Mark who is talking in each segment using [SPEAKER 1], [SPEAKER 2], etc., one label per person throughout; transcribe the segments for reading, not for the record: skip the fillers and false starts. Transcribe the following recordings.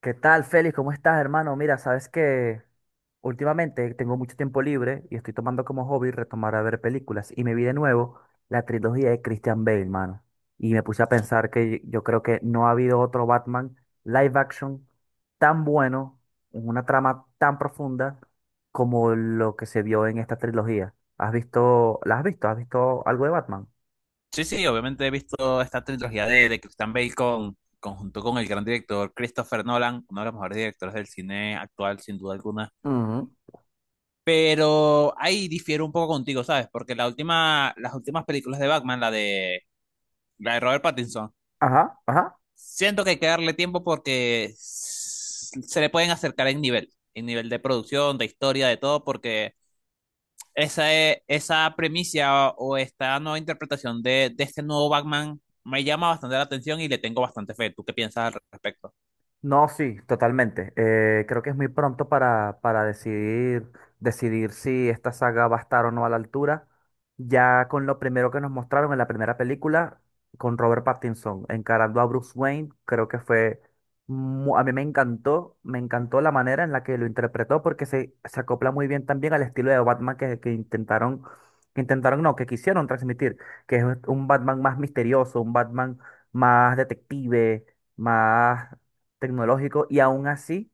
[SPEAKER 1] ¿Qué tal, Félix? ¿Cómo estás, hermano? Mira, sabes que últimamente tengo mucho tiempo libre y estoy tomando como hobby retomar a ver películas. Y me vi de nuevo la trilogía de Christian Bale, hermano. Y me puse a pensar que yo creo que no ha habido otro Batman live action tan bueno, en una trama tan profunda como lo que se vio en esta trilogía. ¿Has visto, la has visto? ¿Has visto algo de Batman?
[SPEAKER 2] Sí, sí, obviamente he visto esta trilogía de Christian Bale conjunto con el gran director Christopher Nolan, uno de los mejores directores del cine actual, sin duda alguna.
[SPEAKER 1] Ujú.
[SPEAKER 2] Pero ahí difiero un poco contigo, ¿sabes? Porque las últimas películas de Batman, la de Robert Pattinson,
[SPEAKER 1] Ajá, ajá.
[SPEAKER 2] siento que hay que darle tiempo porque se le pueden acercar en nivel de producción, de historia, de todo, porque esa premisa o esta nueva interpretación de este nuevo Batman me llama bastante la atención y le tengo bastante fe. ¿Tú qué piensas al respecto?
[SPEAKER 1] No, sí, totalmente. Creo que es muy pronto para decidir si esta saga va a estar o no a la altura. Ya con lo primero que nos mostraron en la primera película, con Robert Pattinson encarando a Bruce Wayne, creo que fue... A mí me encantó la manera en la que lo interpretó porque se acopla muy bien también al estilo de Batman que no, que quisieron transmitir, que es un Batman más misterioso, un Batman más detective, más tecnológico y aún así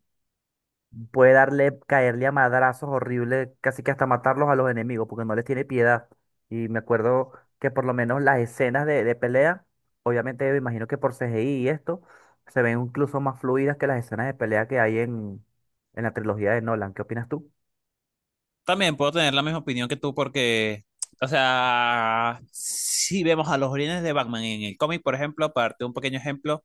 [SPEAKER 1] puede caerle a madrazos horribles, casi que hasta matarlos a los enemigos, porque no les tiene piedad. Y me acuerdo que por lo menos las escenas de pelea, obviamente me imagino que por C CGI y esto, se ven incluso más fluidas que las escenas de pelea que hay en la trilogía de Nolan. ¿Qué opinas tú?
[SPEAKER 2] También puedo tener la misma opinión que tú porque, o sea, si vemos a los orígenes de Batman en el cómic, por ejemplo, para darte un pequeño ejemplo,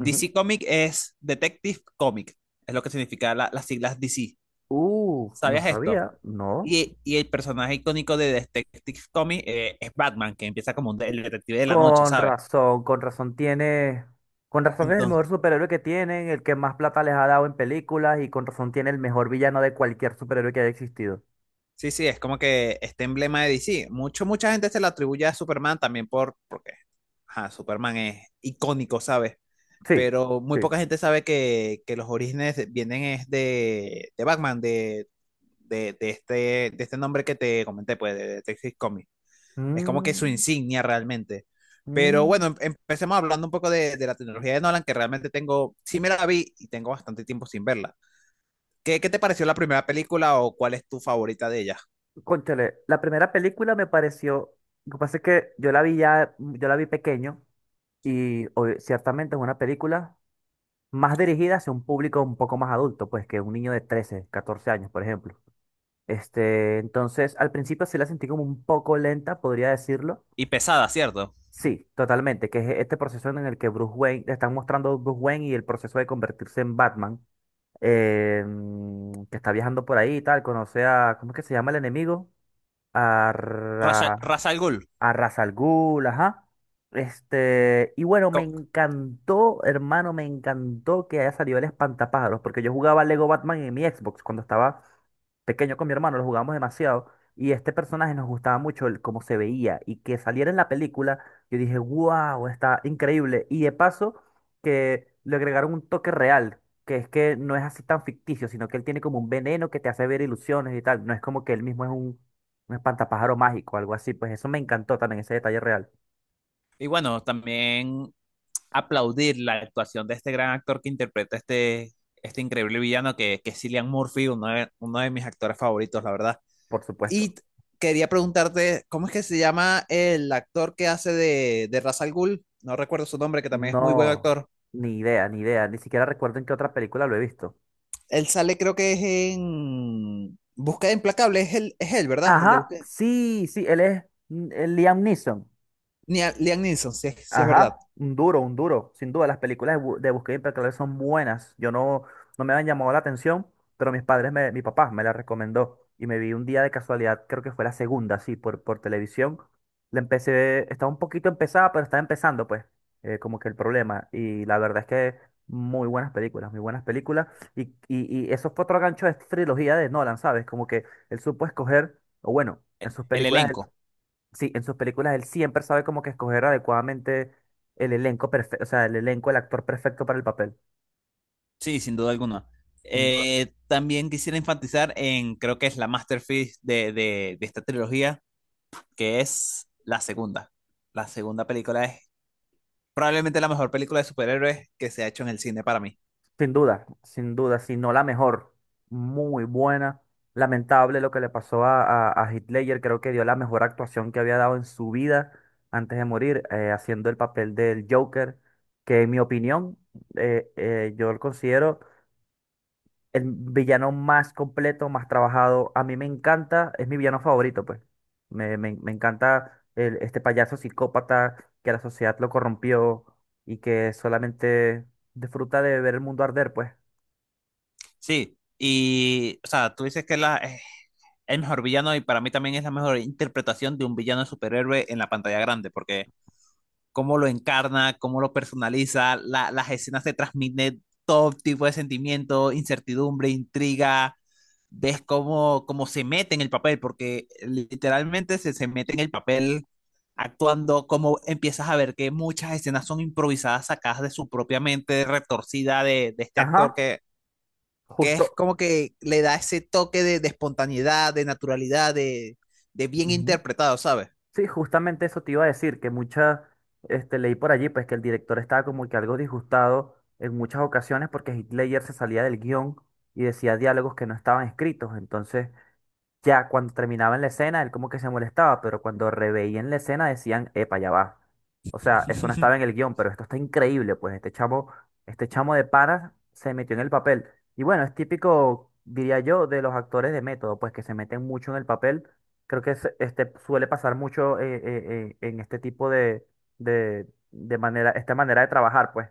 [SPEAKER 1] Ujú.
[SPEAKER 2] Comic es Detective Comic, es lo que significa las siglas DC.
[SPEAKER 1] Uf, no
[SPEAKER 2] ¿Sabías esto?
[SPEAKER 1] sabía, no.
[SPEAKER 2] Y el personaje icónico de Detective Comic es Batman, que empieza como un el detective de la noche, ¿sabes?
[SPEAKER 1] Con razón tiene, con razón es el mejor superhéroe que tienen, el que más plata les ha dado en películas y con razón tiene el mejor villano de cualquier superhéroe que haya existido.
[SPEAKER 2] Sí, sí, es como que este emblema de DC. Mucha gente se lo atribuye a Superman también porque ajá, Superman es icónico, ¿sabes?
[SPEAKER 1] Sí,
[SPEAKER 2] Pero muy
[SPEAKER 1] sí.
[SPEAKER 2] poca gente sabe que los orígenes vienen es de Batman, de, de este, de este nombre que te comenté, pues, de Detective Comics. Es como que su
[SPEAKER 1] Mm,
[SPEAKER 2] insignia realmente. Pero
[SPEAKER 1] mm.
[SPEAKER 2] bueno, empecemos hablando un poco de la tecnología de Nolan, que realmente tengo, sí me la vi y tengo bastante tiempo sin verla. ¿ qué te pareció la primera película o cuál es tu favorita de ellas?
[SPEAKER 1] Cónchale, la primera película me pareció, lo que pasa es que yo la vi ya, yo la vi pequeño y ciertamente es una película más dirigida hacia un público un poco más adulto, pues que un niño de 13, 14 años, por ejemplo. Este, entonces, al principio sí la sentí como un poco lenta, podría decirlo.
[SPEAKER 2] Y pesada, ¿cierto?
[SPEAKER 1] Sí, totalmente, que es este proceso en el que Bruce Wayne, te están mostrando a Bruce Wayne y el proceso de convertirse en Batman, que está viajando por ahí y tal, conoce a, ¿cómo es que se llama el enemigo? A, Ra-
[SPEAKER 2] Ra's al Ghul.
[SPEAKER 1] a Ra's al Ghul, ajá. Este, y bueno, me encantó, hermano, me encantó que haya salido el espantapájaros, porque yo jugaba Lego Batman en mi Xbox cuando estaba pequeño con mi hermano, lo jugábamos demasiado, y este personaje nos gustaba mucho cómo se veía, y que saliera en la película, yo dije, wow, está increíble, y de paso que le agregaron un toque real, que es que no es así tan ficticio, sino que él tiene como un veneno que te hace ver ilusiones y tal, no es como que él mismo es un espantapájaro mágico, algo así, pues eso me encantó también, ese detalle real,
[SPEAKER 2] Y bueno, también aplaudir la actuación de este gran actor que interpreta este increíble villano que es Cillian Murphy, uno de mis actores favoritos, la verdad.
[SPEAKER 1] por supuesto.
[SPEAKER 2] Y quería preguntarte, ¿cómo es que se llama el actor que hace de Ra's al Ghul? No recuerdo su nombre, que también es muy buen
[SPEAKER 1] No,
[SPEAKER 2] actor.
[SPEAKER 1] ni idea, ni idea, ni siquiera recuerdo en qué otra película lo he visto.
[SPEAKER 2] Él sale, creo que es en Búsqueda Implacable, es él, ¿verdad? El de
[SPEAKER 1] Ajá,
[SPEAKER 2] Búsqueda.
[SPEAKER 1] sí, sí, él es Liam Neeson.
[SPEAKER 2] Liam Neeson, si es
[SPEAKER 1] Ajá,
[SPEAKER 2] verdad.
[SPEAKER 1] un duro, un duro. Sin duda, las películas de Buscado y Implacable son buenas. Yo no, no me han llamado la atención, pero mis padres, mi papá me la recomendó. Y me vi un día de casualidad, creo que fue la segunda, sí, por televisión. La empecé, estaba un poquito empezada, pero estaba empezando, pues, como que el problema. Y la verdad es que muy buenas películas, muy buenas películas. Y, y eso fue otro gancho de esta trilogía de Nolan, ¿sabes? Como que él supo escoger, o bueno, en sus
[SPEAKER 2] El
[SPEAKER 1] películas.
[SPEAKER 2] elenco.
[SPEAKER 1] Sí, en sus películas él siempre sabe como que escoger adecuadamente el elenco perfecto, o sea, el elenco, el actor perfecto para el papel,
[SPEAKER 2] Sí, sin duda alguna.
[SPEAKER 1] sin duda,
[SPEAKER 2] También quisiera enfatizar en, creo que es la masterpiece de esta trilogía, que es la segunda. La segunda película es probablemente la mejor película de superhéroes que se ha hecho en el cine para mí.
[SPEAKER 1] sin duda, sin duda, si no la mejor, muy buena. Lamentable lo que le pasó a Heath Ledger, creo que dio la mejor actuación que había dado en su vida antes de morir, haciendo el papel del Joker, que en mi opinión, yo lo considero el villano más completo, más trabajado. A mí me encanta, es mi villano favorito, pues. Me encanta este payaso psicópata que la sociedad lo corrompió y que solamente disfruta de ver el mundo arder, pues.
[SPEAKER 2] Sí, y, o sea, tú dices que es el mejor villano y para mí también es la mejor interpretación de un villano de superhéroe en la pantalla grande, porque cómo lo encarna, cómo lo personaliza, las escenas te transmiten todo tipo de sentimiento, incertidumbre, intriga, ves cómo, cómo se mete en el papel, porque literalmente se mete en el papel actuando, como empiezas a ver que muchas escenas son improvisadas, sacadas de su propia mente retorcida de este actor
[SPEAKER 1] Ajá,
[SPEAKER 2] que
[SPEAKER 1] justo.
[SPEAKER 2] es como que le da ese toque de espontaneidad, de naturalidad, de bien
[SPEAKER 1] Ujú.
[SPEAKER 2] interpretado, ¿sabes?
[SPEAKER 1] Sí, justamente eso te iba a decir, que muchas, este, leí por allí, pues que el director estaba como que algo disgustado en muchas ocasiones porque Hitler se salía del guión y decía diálogos que no estaban escritos. Entonces, ya cuando terminaban la escena, él como que se molestaba, pero cuando reveían la escena decían, epa, ya va. O sea, eso no estaba en el guión, pero esto está increíble, pues este chamo de panas se metió en el papel. Y bueno, es típico, diría yo, de los actores de método, pues que se meten mucho en el papel. Creo que este, suele pasar mucho en este tipo de manera, esta manera de trabajar, pues.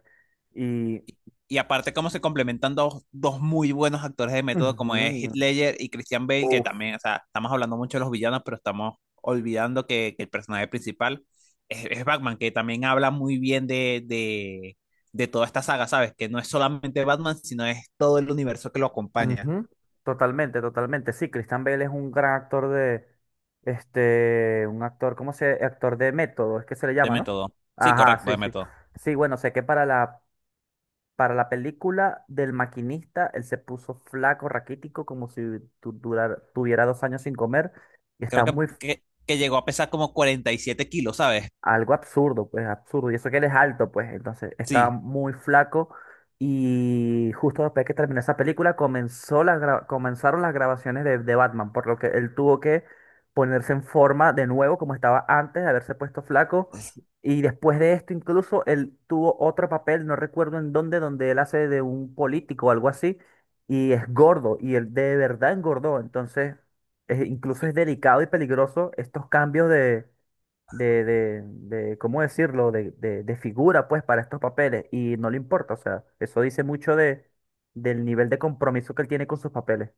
[SPEAKER 1] Y,
[SPEAKER 2] Y y aparte cómo se complementan dos muy buenos actores de método como es Heath Ledger y Christian Bale, que
[SPEAKER 1] uff,
[SPEAKER 2] también, o sea, estamos hablando mucho de los villanos, pero estamos olvidando que el personaje principal es Batman, que también habla muy bien de toda esta saga, ¿sabes? Que no es solamente Batman, sino es todo el universo que lo acompaña
[SPEAKER 1] ujú, totalmente, totalmente. Sí, Christian Bale es un gran actor de, este, un actor, ¿cómo se? Actor de método, es que se le
[SPEAKER 2] de
[SPEAKER 1] llama, ¿no?
[SPEAKER 2] método. Sí,
[SPEAKER 1] Ajá,
[SPEAKER 2] correcto,
[SPEAKER 1] sí,
[SPEAKER 2] de
[SPEAKER 1] sí.
[SPEAKER 2] método.
[SPEAKER 1] Sí, bueno, sé que para para la película del maquinista, él se puso flaco, raquítico, como si tuviera dos años sin comer, y
[SPEAKER 2] Creo
[SPEAKER 1] está muy,
[SPEAKER 2] que llegó a pesar como 47 kilos, ¿sabes?
[SPEAKER 1] algo absurdo, pues absurdo. Y eso que él es alto, pues entonces estaba
[SPEAKER 2] Sí,
[SPEAKER 1] muy flaco. Y justo después que terminó esa película, comenzó comenzaron las grabaciones de Batman, por lo que él tuvo que ponerse en forma de nuevo, como estaba antes de haberse puesto flaco. Y después de esto, incluso él tuvo otro papel, no recuerdo en dónde, donde él hace de un político o algo así, y es gordo, y él de verdad engordó. Entonces, incluso
[SPEAKER 2] sí,
[SPEAKER 1] es delicado y peligroso estos cambios de ¿cómo decirlo? De figura, pues, para estos papeles. Y no le importa, o sea, eso dice mucho de, del nivel de compromiso que él tiene con sus papeles.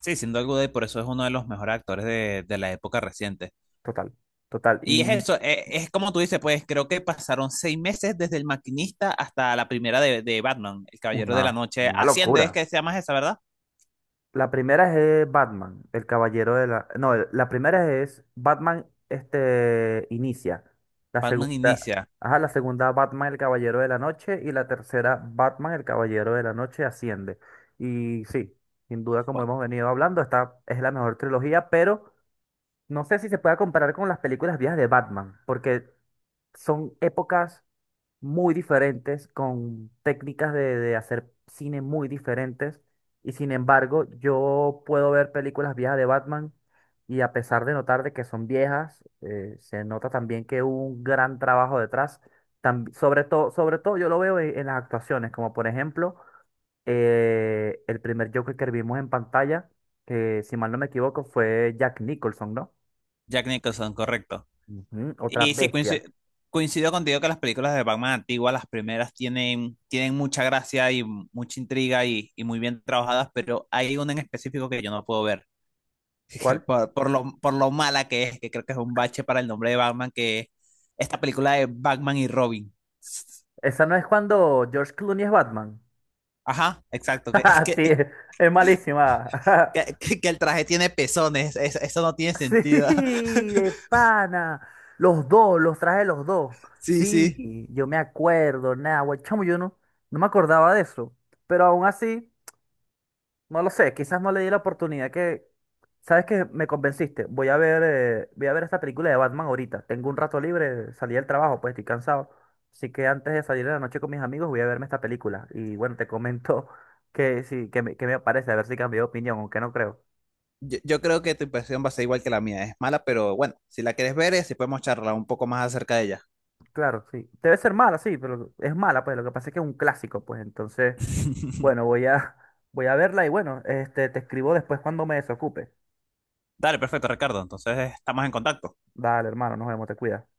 [SPEAKER 2] sí, sin duda, y por eso es uno de los mejores actores de la época reciente.
[SPEAKER 1] Total, total.
[SPEAKER 2] Y es
[SPEAKER 1] Y
[SPEAKER 2] eso, como tú dices, pues creo que pasaron seis meses desde El Maquinista hasta la primera de Batman, El Caballero de la Noche.
[SPEAKER 1] una
[SPEAKER 2] Asciende, es
[SPEAKER 1] locura.
[SPEAKER 2] que se llama esa, ¿verdad?
[SPEAKER 1] La primera es Batman, el caballero de la... No, la primera es Batman, este, inicia. La
[SPEAKER 2] Batman
[SPEAKER 1] segunda,
[SPEAKER 2] Inicia.
[SPEAKER 1] ajá, la segunda Batman, el caballero de la noche. Y la tercera Batman, el caballero de la noche, asciende. Y sí, sin duda, como
[SPEAKER 2] Bueno,
[SPEAKER 1] hemos venido hablando, esta es la mejor trilogía, pero no sé si se puede comparar con las películas viejas de Batman, porque son épocas muy diferentes, con técnicas de hacer cine muy diferentes. Y sin embargo, yo puedo ver películas viejas de Batman y a pesar de notar de que son viejas, se nota también que hubo un gran trabajo detrás. Sobre todo yo lo veo en las actuaciones, como por ejemplo el primer Joker que vimos en pantalla, que si mal no me equivoco fue Jack Nicholson, ¿no?
[SPEAKER 2] Jack Nicholson, correcto.
[SPEAKER 1] Ujú, otra
[SPEAKER 2] Y sí,
[SPEAKER 1] bestia.
[SPEAKER 2] coincido, contigo que las películas de Batman antiguas, las primeras, tienen, tienen mucha gracia y mucha intriga y muy bien trabajadas, pero hay una en específico que yo no puedo ver, que
[SPEAKER 1] ¿Cuál?
[SPEAKER 2] por lo mala que es, que creo que es un bache para el nombre de Batman, que es esta película de Batman y Robin.
[SPEAKER 1] Esa no es cuando George Clooney es Batman.
[SPEAKER 2] Ajá, exacto.
[SPEAKER 1] Sí, es malísima.
[SPEAKER 2] Que el traje tiene pezones. Es- eso no tiene sentido.
[SPEAKER 1] Sí, de pana. Los dos, los traje los dos.
[SPEAKER 2] Sí, sí.
[SPEAKER 1] Sí, yo me acuerdo, nada, güey, chamo, yo no, no me acordaba de eso. Pero aún así, no lo sé, quizás no le di la oportunidad que, ¿sabes qué? Me convenciste. Voy a ver esta película de Batman ahorita. Tengo un rato libre, salí del trabajo, pues estoy cansado. Así que antes de salir de la noche con mis amigos, voy a verme esta película. Y bueno, te comento que sí, que me parece, a ver si cambié de opinión, aunque no creo.
[SPEAKER 2] Yo creo que tu impresión va a ser igual que la mía. Es mala, pero bueno, si la quieres ver, si podemos charlar un poco más acerca de ella.
[SPEAKER 1] Claro, sí. Debe ser mala, sí, pero es mala, pues lo que pasa es que es un clásico, pues entonces, bueno, voy a verla y bueno, este, te escribo después cuando me desocupe.
[SPEAKER 2] Dale, perfecto, Ricardo. Entonces estamos en contacto.
[SPEAKER 1] Dale, hermano, nos vemos, te cuidas.